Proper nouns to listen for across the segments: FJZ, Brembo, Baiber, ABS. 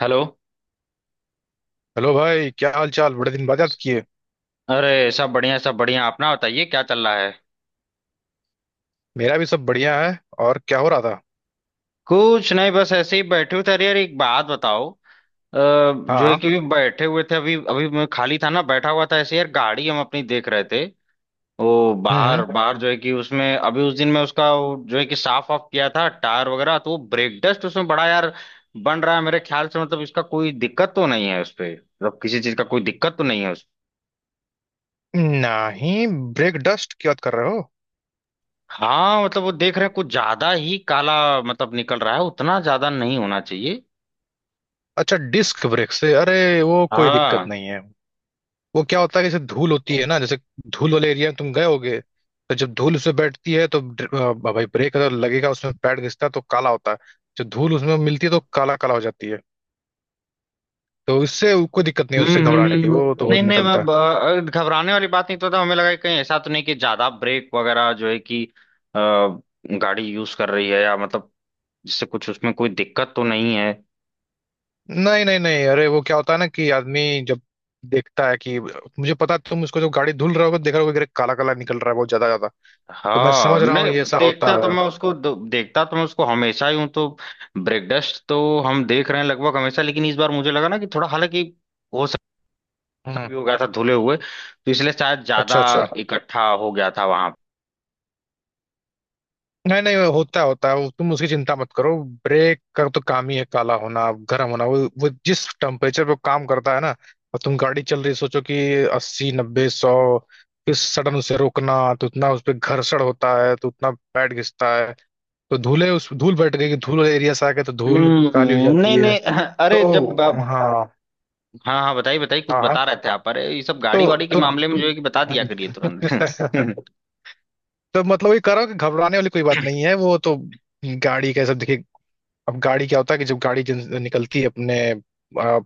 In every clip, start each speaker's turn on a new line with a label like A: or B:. A: Hello.
B: Hello भाई, क्या हाल चाल? बड़े दिन बाद याद किए।
A: अरे, सब बढ़िया, सब बढ़िया। अपना बताइए, क्या चल रहा है?
B: मेरा भी सब बढ़िया है। और क्या हो रहा था?
A: कुछ नहीं, बस ऐसे ही बैठे हुए थे। अरे यार, एक बात बताओ। जो है
B: हाँ।
A: कि अभी बैठे हुए थे, अभी अभी मैं खाली था ना, बैठा हुआ था ऐसे। यार गाड़ी हम अपनी देख रहे थे। वो बाहर
B: हम्म।
A: बाहर जो है कि उसमें, अभी उस दिन मैं उसका वो जो है कि साफ ऑफ किया था, टायर वगैरह, तो वो ब्रेक डस्ट उसमें बड़ा यार बन रहा है मेरे ख्याल से। मतलब इसका कोई दिक्कत तो नहीं है उस पे? मतलब किसी चीज का कोई दिक्कत तो नहीं है?
B: नहीं। ब्रेक डस्ट की बात कर रहे हो?
A: हाँ, मतलब वो देख रहे हैं कुछ ज्यादा ही काला, मतलब निकल रहा है। उतना ज्यादा नहीं होना चाहिए।
B: अच्छा, डिस्क ब्रेक से? अरे, वो कोई दिक्कत
A: हाँ।
B: नहीं है। वो क्या होता है कि जैसे धूल होती है ना, जैसे धूल वाले एरिया में तुम गए होगे, तो जब धूल उसमें बैठती है तो भाई ब्रेक अगर लगेगा उसमें पैड घिसता है तो काला होता है। जो धूल उसमें मिलती है तो काला काला हो जाती है। तो इससे कोई दिक्कत नहीं है,
A: हम्म
B: उससे घबराने की,
A: हम्म।
B: वो तो
A: नहीं नहीं, मैं
B: निकलता है।
A: घबराने वाली बात नहीं तो था, हमें लगा कि कहीं ऐसा तो नहीं कि ज्यादा ब्रेक वगैरह जो है कि अ, गाड़ी यूज कर रही है, या मतलब जिससे कुछ उसमें कोई दिक्कत तो नहीं है।
B: नहीं नहीं नहीं, अरे वो क्या होता है ना कि आदमी जब देखता है कि मुझे पता है, तुम उसको जो गाड़ी धुल रहे होगे देख रहे होगे, काला काला निकल रहा है बहुत ज्यादा ज्यादा, तो मैं
A: हाँ
B: समझ रहा हूँ
A: नहीं,
B: ये ऐसा होता है।
A: देखता तो मैं उसको हमेशा ही हूँ, तो ब्रेक डस्ट तो हम देख रहे हैं लगभग हमेशा, लेकिन इस बार मुझे लगा ना कि थोड़ा, हालांकि हो
B: हम्म।
A: भी हो गया था धुले हुए, तो इसलिए शायद
B: अच्छा
A: ज्यादा
B: अच्छा।
A: इकट्ठा हो गया था वहां।
B: नहीं नहीं, वो होता है होता है, वो तुम उसकी चिंता मत करो। ब्रेक का तो काम ही है काला होना, गर्म होना। वो जिस टेम्परेचर पे काम करता है ना। और तुम गाड़ी चल रही है, सोचो कि 80, 90, 100, फिर सडन उसे रोकना, तो उतना उस पर घर्षण होता है तो उतना पैड घिसता है। तो धूले उस धूल बैठ गई कि धूल वाले एरिया से आ गए तो धूल काली हो जाती
A: नहीं
B: है।
A: नहीं, अरे जब
B: तो, हाँ
A: हाँ हाँ, बताइए बताइए, कुछ
B: हाँ।
A: बता रहे थे आप। अरे, ये सब गाड़ी
B: तो
A: वाड़ी के
B: तो
A: मामले में जो है कि बता दिया करिए तुरंत।
B: तो मतलब ये कह रहा हूँ कि घबराने वाली कोई बात नहीं है वो तो। गाड़ी का ये सब देखिए। अब गाड़ी क्या होता है कि जब गाड़ी निकलती है अपने आ,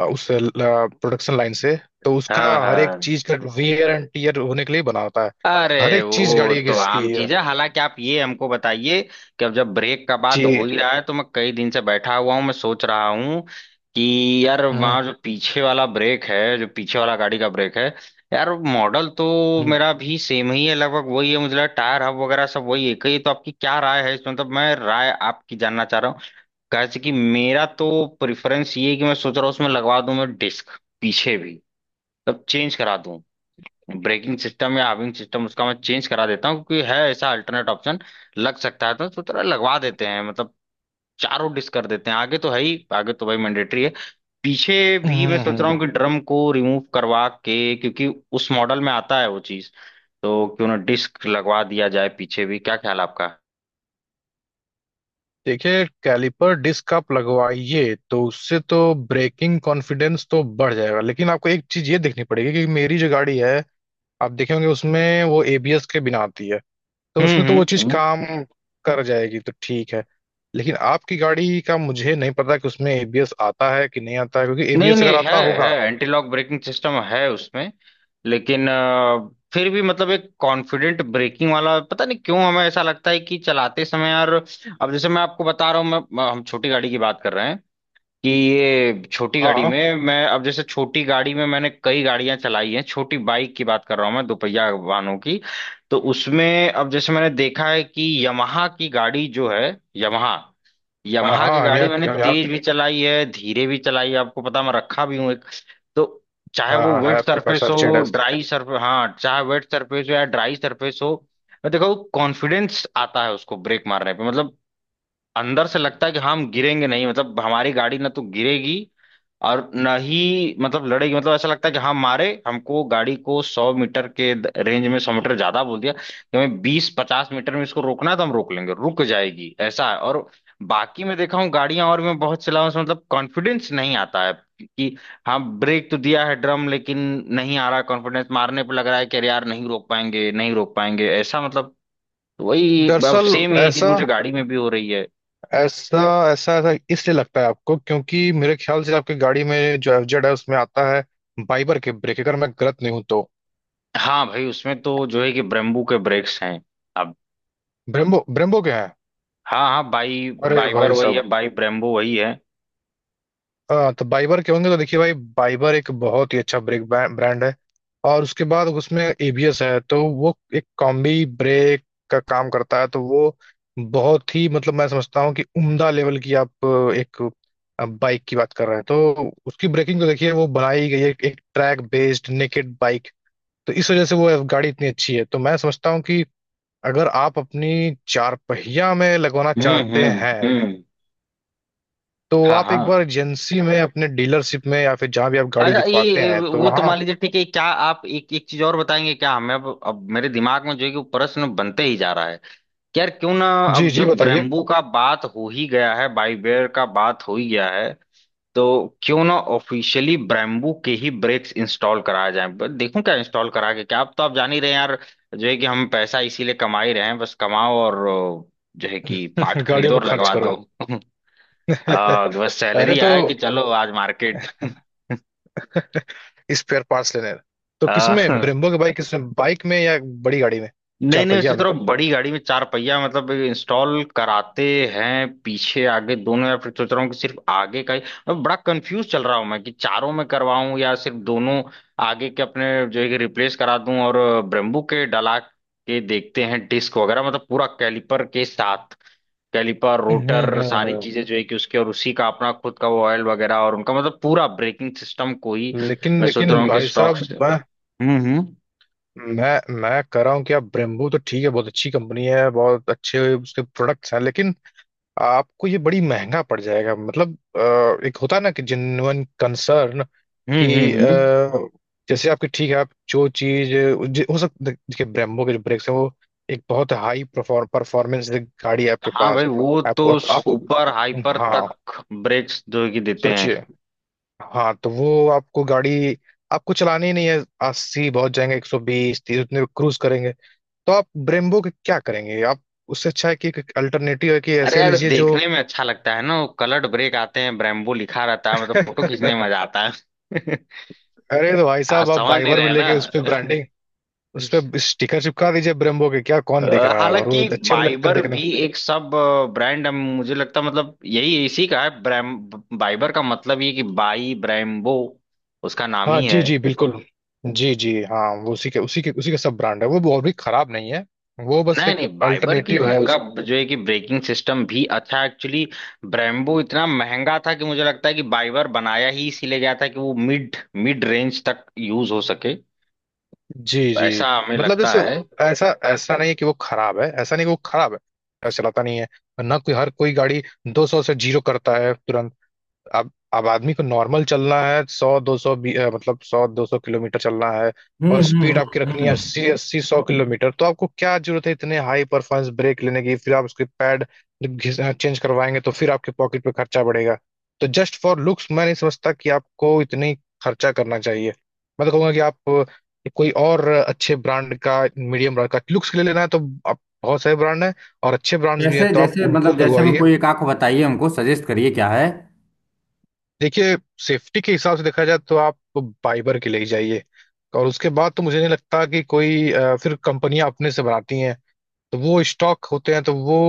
B: आ, उस प्रोडक्शन लाइन से, तो उसका
A: हाँ
B: हर एक
A: हाँ,
B: चीज का वेयर एंड टीयर होने के लिए बना होता है।
A: अरे
B: हर एक चीज
A: वो
B: गाड़ी की
A: तो
B: घिसती
A: आम
B: है।
A: चीज है। हालांकि आप ये हमको बताइए कि अब जब ब्रेक का बात हो
B: जी।
A: ही रहा है, तो मैं कई दिन से बैठा हुआ हूँ, मैं सोच रहा हूँ कि यार
B: हम्म
A: वहाँ जो पीछे वाला ब्रेक है, जो पीछे वाला गाड़ी का ब्रेक है, यार मॉडल तो
B: हम्म
A: मेरा भी सेम ही है, लगभग वही है, मुझे लगा टायर हब वगैरह सब वही एक ही है, तो आपकी क्या राय है इसमें, मतलब मैं राय आपकी जानना चाह रहा हूँ, कैसे? कि मेरा तो प्रेफरेंस ये है कि मैं सोच रहा हूँ उसमें लगवा दूं मैं डिस्क, पीछे भी, मतलब चेंज करा दूं, ब्रेकिंग सिस्टम या हार्विंग सिस्टम उसका मैं चेंज करा देता हूँ, क्योंकि है ऐसा अल्टरनेट ऑप्शन, लग सकता है, तो तरह लगवा देते हैं। मतलब चारों डिश कर देते हैं, आगे तो है ही, आगे तो भाई मैंडेटरी है। पीछे भी मैं सोच रहा
B: हम्म।
A: हूँ कि ड्रम को रिमूव करवा के, क्योंकि उस मॉडल में आता है वो चीज, तो क्यों ना डिस्क लगवा दिया जाए पीछे भी? क्या ख्याल है आपका?
B: देखिए, कैलिपर डिस्क आप लगवाइए तो उससे तो ब्रेकिंग कॉन्फिडेंस तो बढ़ जाएगा, लेकिन आपको एक चीज ये देखनी पड़ेगी कि मेरी जो गाड़ी है, आप देखेंगे उसमें वो एबीएस के बिना आती है, तो
A: हम्म
B: उसमें तो
A: हम्म
B: वो चीज
A: हम्म।
B: काम कर जाएगी तो ठीक है। लेकिन आपकी गाड़ी का मुझे नहीं पता कि उसमें एबीएस आता है कि नहीं आता है, क्योंकि
A: नहीं
B: एबीएस अगर
A: नहीं, है
B: आता
A: है
B: होगा।
A: एंटी लॉक ब्रेकिंग सिस्टम है उसमें। लेकिन फिर भी मतलब एक कॉन्फिडेंट ब्रेकिंग वाला पता नहीं क्यों हमें ऐसा लगता है कि चलाते समय यार, अब जैसे मैं आपको बता रहा हूँ, मैं हम छोटी गाड़ी की बात कर रहे हैं कि ये छोटी
B: हाँ
A: गाड़ी
B: हाँ
A: में मैं, अब जैसे छोटी गाड़ी में मैंने कई गाड़ियां चलाई हैं, छोटी बाइक की बात कर रहा हूँ मैं, दोपहिया वाहनों की। तो उसमें अब जैसे मैंने देखा है कि यमाहा की गाड़ी जो है यमाहा
B: हाँ
A: यमहा की
B: हाँ, हम
A: गाड़ी
B: यहाँ
A: मैंने
B: हम यहाँ
A: तेज भी चलाई है, धीरे भी चलाई है, आपको पता मैं रखा भी हूँ एक। तो चाहे
B: हाँ
A: वो
B: हाँ, है
A: वेट
B: आपके पास
A: सरफेस
B: एफजेड।
A: हो, ड्राई सरफेस, हाँ, चाहे वेट सरफेस हो या ड्राई सरफेस हो, मैं देखो कॉन्फिडेंस आता है उसको ब्रेक मारने पे, मतलब अंदर से लगता है कि हम गिरेंगे नहीं, मतलब हमारी गाड़ी ना तो गिरेगी और ना ही, मतलब लड़ेगी, मतलब ऐसा लगता है कि हम मारे हमको गाड़ी को 100 मीटर के रेंज में, 100 मीटर ज्यादा बोल दिया, कि हमें 20-50 मीटर में इसको रोकना है, तो हम रोक लेंगे, रुक जाएगी ऐसा है। और बाकी मैं देखा हूँ गाड़ियां और मैं बहुत चलाऊं उसमें, मतलब कॉन्फिडेंस नहीं आता है कि हाँ, ब्रेक तो दिया है ड्रम, लेकिन नहीं आ रहा कॉन्फिडेंस मारने पे, लग रहा है कि अरे यार, नहीं रोक पाएंगे, नहीं रोक पाएंगे, ऐसा मतलब वही अब
B: दरअसल
A: सेम यही चीज
B: ऐसा
A: मुझे गाड़ी में भी हो रही है।
B: ऐसा ऐसा ऐसा इसलिए लगता है आपको, क्योंकि मेरे ख्याल से आपकी गाड़ी में जो एफजेड है उसमें आता है, बाइबर के ब्रेक, अगर मैं गलत नहीं हूं तो।
A: हाँ भाई, उसमें तो जो है कि ब्रेम्बू के ब्रेक्स हैं। अब
B: ब्रेम्बो ब्रेम्बो के हैं।
A: हाँ हाँ, बाई
B: अरे
A: बाइबर
B: भाई
A: वही
B: साहब।
A: है, बाई ब्रेम्बू वही है।
B: हाँ तो बाइबर के होंगे तो देखिए भाई, बाइबर एक बहुत ही अच्छा ब्रेक ब्रांड है, और उसके बाद उसमें एबीएस है तो वो एक कॉम्बी ब्रेक का काम करता है, तो वो बहुत ही, मतलब मैं समझता हूँ कि उम्दा लेवल की आप एक बाइक की बात कर रहे हैं, तो उसकी ब्रेकिंग तो देखिए, वो बनाई गई है एक ट्रैक बेस्ड नेकेड बाइक। तो इस वजह से वो गाड़ी इतनी अच्छी है, तो मैं समझता हूँ कि अगर आप अपनी चार पहिया में लगवाना चाहते हैं,
A: हम्म,
B: तो
A: हाँ
B: आप
A: हाँ।
B: एक बार एजेंसी में, अपने डीलरशिप में, या फिर जहां भी आप गाड़ी
A: अच्छा,
B: दिखवाते
A: ये
B: हैं तो
A: वो तो
B: वहाँ।
A: मान लीजिए ठीक है, क्या आप एक एक चीज और बताएंगे क्या हमें? अब मेरे दिमाग में जो है कि वो प्रश्न बनते ही जा रहा है कि यार क्यों ना,
B: जी
A: अब
B: जी,
A: जब
B: बताइए।
A: ब्रेम्बू का बात हो ही गया है, बाइबेर का बात हो ही गया है, तो क्यों ना ऑफिशियली ब्रेम्बू के ही ब्रेक्स इंस्टॉल कराया जाए, बस देखूं क्या इंस्टॉल करा के। क्या, आप तो आप जान ही रहे हैं यार, जो है कि हम पैसा इसीलिए कमा ही रहे हैं, बस कमाओ और जो है कि पार्ट
B: गाड़ियों
A: खरीदो
B: पे
A: और
B: खर्च
A: लगवा दो।
B: करो।
A: बस
B: अरे
A: सैलरी आए कि
B: तो
A: चलो आज मार्केट।
B: स्पेयर पार्ट्स लेने, तो
A: आ,
B: किसमें ब्रेम्बो के? बाइक किसमें? बाइक में या बड़ी गाड़ी में?
A: नहीं
B: चार
A: नहीं,
B: पहिया
A: सोच
B: में।
A: रहा हूँ बड़ी गाड़ी में चार पहिया मतलब इंस्टॉल कराते हैं पीछे आगे दोनों, या फिर सोच रहा हूँ कि सिर्फ आगे का ही। मैं बड़ा कंफ्यूज चल रहा हूँ मैं कि चारों में करवाऊं या सिर्फ दोनों आगे के अपने जो है कि रिप्लेस करा दूं, और ब्रेम्बू के डला के देखते हैं डिस्क वगैरह, मतलब पूरा कैलिपर के साथ, कैलिपर
B: हम्म
A: रोटर
B: हम्म
A: सारी
B: हम्म।
A: चीजें जो है कि उसके, और उसी का अपना खुद का वो ऑयल वगैरह, और उनका मतलब पूरा ब्रेकिंग सिस्टम को ही
B: लेकिन
A: मैं सोच रहा
B: लेकिन
A: हूँ कि
B: भाई
A: स्टॉक।
B: साहब, मैं
A: हम्म हम्म
B: मैं मैं कह रहा हूँ कि आप ब्रेम्बू तो ठीक है, बहुत अच्छी कंपनी है, बहुत अच्छे उसके प्रोडक्ट्स हैं, लेकिन आपको ये बड़ी महंगा पड़ जाएगा, मतलब एक होता है ना कि जेन्युइन कंसर्न,
A: हम्म
B: कि
A: हम्म हम्म।
B: अ, जैसे आपकी ठीक है, आप जो चीज हो सकता है, देखिए ब्रेम्बो के जो ब्रेक्स हैं वो एक बहुत हाई परफॉर्मेंस गाड़ी है आपके
A: हाँ भाई,
B: पास।
A: वो
B: आपको
A: तो
B: आप, आपको
A: सुपर हाइपर
B: हाँ,
A: तक ब्रेक्स जो कि देते हैं।
B: सोचिए, हाँ तो वो आपको गाड़ी आपको चलानी ही नहीं है। अस्सी बहुत जाएंगे, 120, 130 उतने क्रूज करेंगे, तो आप ब्रेम्बो के क्या करेंगे? आप, उससे अच्छा है कि अल्टरनेटिव है कि
A: अरे
B: ऐसे
A: यार,
B: लीजिए जो
A: देखने में अच्छा लगता है ना, वो कलर्ड ब्रेक आते हैं, ब्रेम्बो लिखा रहता है, मतलब फोटो खींचने में मजा आता है।
B: अरे तो भाई
A: आप
B: साहब, आप
A: समझ नहीं
B: बाइबर भी
A: रहे ना?
B: लेके उस पे ब्रांडिंग, उस पे स्टिकर चिपका दीजिए ब्रेम्बो के, क्या
A: अ,
B: कौन देख रहा है, और वो
A: हालांकि
B: अच्छे भी लगते हैं
A: बाइबर
B: देखने
A: भी
B: में।
A: एक सब ब्रांड मुझे लगता है, मतलब यही इसी का है ब्रैम, बाइबर का मतलब ये कि बाई ब्रेम्बो, उसका नाम
B: हाँ
A: ही
B: जी
A: है।
B: जी, बिल्कुल। जी जी, हाँ वो उसी के सब ब्रांड है, वो और भी खराब नहीं है। वो बस
A: नहीं
B: एक
A: नहीं, बाइबर की
B: अल्टरनेटिव है
A: का
B: उस।
A: जो है कि ब्रेकिंग सिस्टम भी अच्छा है। एक्चुअली ब्रेम्बो इतना महंगा था कि मुझे लगता है कि बाइबर बनाया ही इसीलिए गया था कि वो मिड मिड रेंज तक यूज हो सके।
B: जी जी।
A: ऐसा हमें
B: मतलब
A: लगता
B: जैसे
A: है।
B: ऐसा ऐसा नहीं है कि वो खराब है, ऐसा नहीं कि वो खराब है। ऐसा चलाता नहीं है ना कोई, हर कोई गाड़ी 200 से जीरो करता है तुरंत। अब आदमी को नॉर्मल चलना है, सौ दो सौ, मतलब 100-200 किलोमीटर चलना है, और
A: हम्म
B: स्पीड
A: हम्म
B: आपकी
A: हम्म
B: रखनी है
A: हम्म।
B: 80, 80-100 किलोमीटर, तो आपको क्या जरूरत है इतने हाई परफॉर्मेंस ब्रेक लेने की? फिर आप उसके पैड जब चेंज करवाएंगे तो फिर आपके पॉकेट पे खर्चा बढ़ेगा। तो जस्ट फॉर लुक्स मैं नहीं समझता कि आपको इतनी खर्चा करना चाहिए। मैं तो कहूंगा कि आप कोई और अच्छे ब्रांड का, मीडियम ब्रांड का, लुक्स के लिए लेना है तो आप बहुत सारे ब्रांड है, और अच्छे ब्रांड्स भी हैं
A: जैसे
B: तो आप
A: जैसे,
B: उनको
A: मतलब जैसे में
B: लगवाइए।
A: कोई एक आंख बताइए, हमको सजेस्ट करिए क्या है?
B: देखिए, सेफ्टी के हिसाब से देखा जाए तो आप बाइबर के ले ही जाइए, और उसके बाद तो मुझे नहीं लगता कि कोई फिर कंपनियां अपने से बनाती हैं तो वो स्टॉक होते हैं, तो वो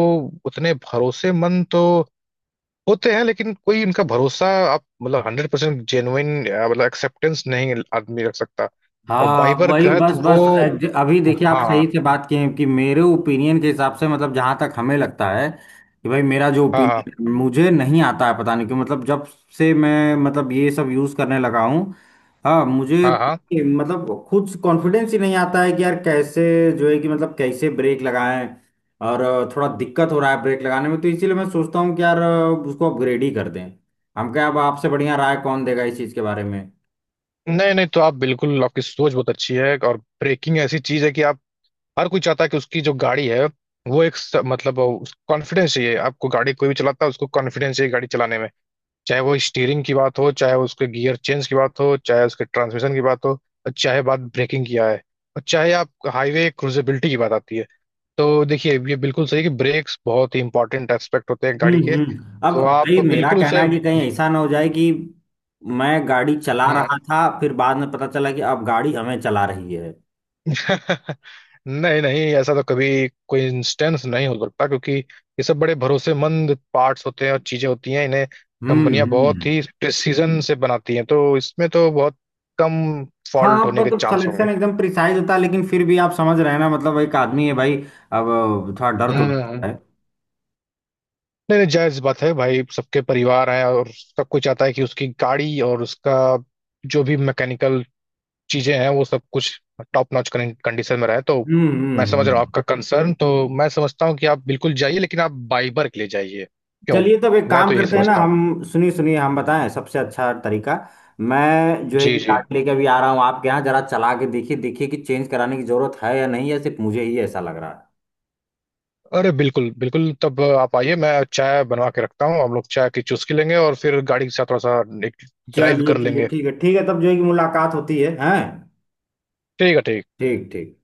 B: उतने भरोसेमंद तो होते हैं, लेकिन कोई उनका भरोसा, आप मतलब 100% जेन्युइन मतलब एक्सेप्टेंस नहीं आदमी रख सकता। और
A: हाँ
B: बाइबर
A: वही,
B: का है तो
A: बस
B: वो।
A: बस अभी देखिए, आप सही
B: हाँ
A: से बात किए हैं कि मेरे ओपिनियन के हिसाब से, मतलब जहां तक हमें लगता है कि भाई, मेरा जो
B: हाँ हाँ
A: ओपिनियन मुझे नहीं आता है पता नहीं क्यों, मतलब जब से मैं मतलब ये सब यूज करने लगा हूँ, हाँ, मुझे
B: हाँ हाँ।
A: मतलब खुद कॉन्फिडेंस ही नहीं आता है कि यार कैसे जो है कि मतलब कैसे ब्रेक लगाएं, और थोड़ा दिक्कत हो रहा है ब्रेक लगाने में, तो इसीलिए मैं सोचता हूँ कि यार उसको अपग्रेड ही कर दें। हम क्या, अब आपसे बढ़िया राय कौन देगा इस चीज के बारे में?
B: नहीं नहीं, तो आप बिल्कुल, आपकी सोच बहुत अच्छी है, और ब्रेकिंग ऐसी चीज है कि हर कोई चाहता है कि उसकी जो गाड़ी है वो एक मतलब कॉन्फिडेंस चाहिए, आपको, गाड़ी कोई भी चलाता है उसको कॉन्फिडेंस चाहिए गाड़ी चलाने में, चाहे वो स्टीयरिंग की बात हो, चाहे उसके गियर चेंज की बात हो, चाहे उसके ट्रांसमिशन की बात हो, और चाहे बात ब्रेकिंग की आए, और चाहे आप हाईवे क्रूजेबिलिटी की बात आती है। तो देखिए, ये बिल्कुल सही कि ब्रेक्स बहुत ही इंपॉर्टेंट एस्पेक्ट होते हैं गाड़ी के,
A: अब
B: तो आप
A: भाई मेरा
B: बिल्कुल
A: कहना
B: उसे
A: है कि कहीं ऐसा ना हो जाए कि मैं गाड़ी चला रहा था फिर बाद में पता चला कि अब गाड़ी हमें चला रही है।
B: नहीं नहीं, ऐसा तो कभी कोई इंस्टेंस नहीं हो सकता, क्योंकि ये सब बड़े भरोसेमंद पार्ट्स होते हैं और चीजें होती हैं, इन्हें कंपनियां बहुत
A: हम्म,
B: ही प्रिसीजन से बनाती हैं, तो इसमें तो बहुत कम
A: हाँ,
B: फॉल्ट
A: आप
B: होने के
A: मतलब
B: चांस
A: सिलेक्शन
B: होंगे।
A: एकदम प्रिसाइज होता है, लेकिन फिर भी आप समझ रहे हैं ना? मतलब एक आदमी है भाई, अब थोड़ा डर तो लगता
B: हम्म।
A: है।
B: नहीं नहीं, जायज बात है भाई, सबके परिवार हैं, और सब कोई चाहता है कि उसकी गाड़ी और उसका जो भी मैकेनिकल चीजें हैं वो सब कुछ टॉप नॉच कंडीशन में रहे, तो
A: हम्म
B: मैं
A: हम्म
B: समझ रहा हूँ
A: हम्म।
B: आपका कंसर्न, तो मैं समझता हूँ कि आप बिल्कुल जाइए, लेकिन आप बाइबर के लिए जाइए, क्यों,
A: चलिए, तब एक
B: मैं तो
A: काम
B: यही
A: करते हैं ना
B: समझता हूँ।
A: हम, सुनिए सुनिए, हम बताएं सबसे अच्छा तरीका। मैं जो है
B: जी
A: कि
B: जी।
A: गाड़ी लेके अभी आ रहा हूँ आपके यहाँ, जरा चला के देखिए, देखिए कि चेंज कराने की जरूरत है या नहीं, या सिर्फ मुझे ही ऐसा लग रहा है।
B: अरे बिल्कुल बिल्कुल, तब आप आइए, मैं चाय बनवा के रखता हूँ, हम लोग चाय की चुस्की लेंगे और फिर गाड़ी के साथ थोड़ा सा ड्राइव
A: चलिए
B: कर
A: चलिए,
B: लेंगे।
A: ठीक है ठीक है। तब जो है कि मुलाकात होती है हैं
B: ठीक है ठीक है।
A: ठीक ठीक।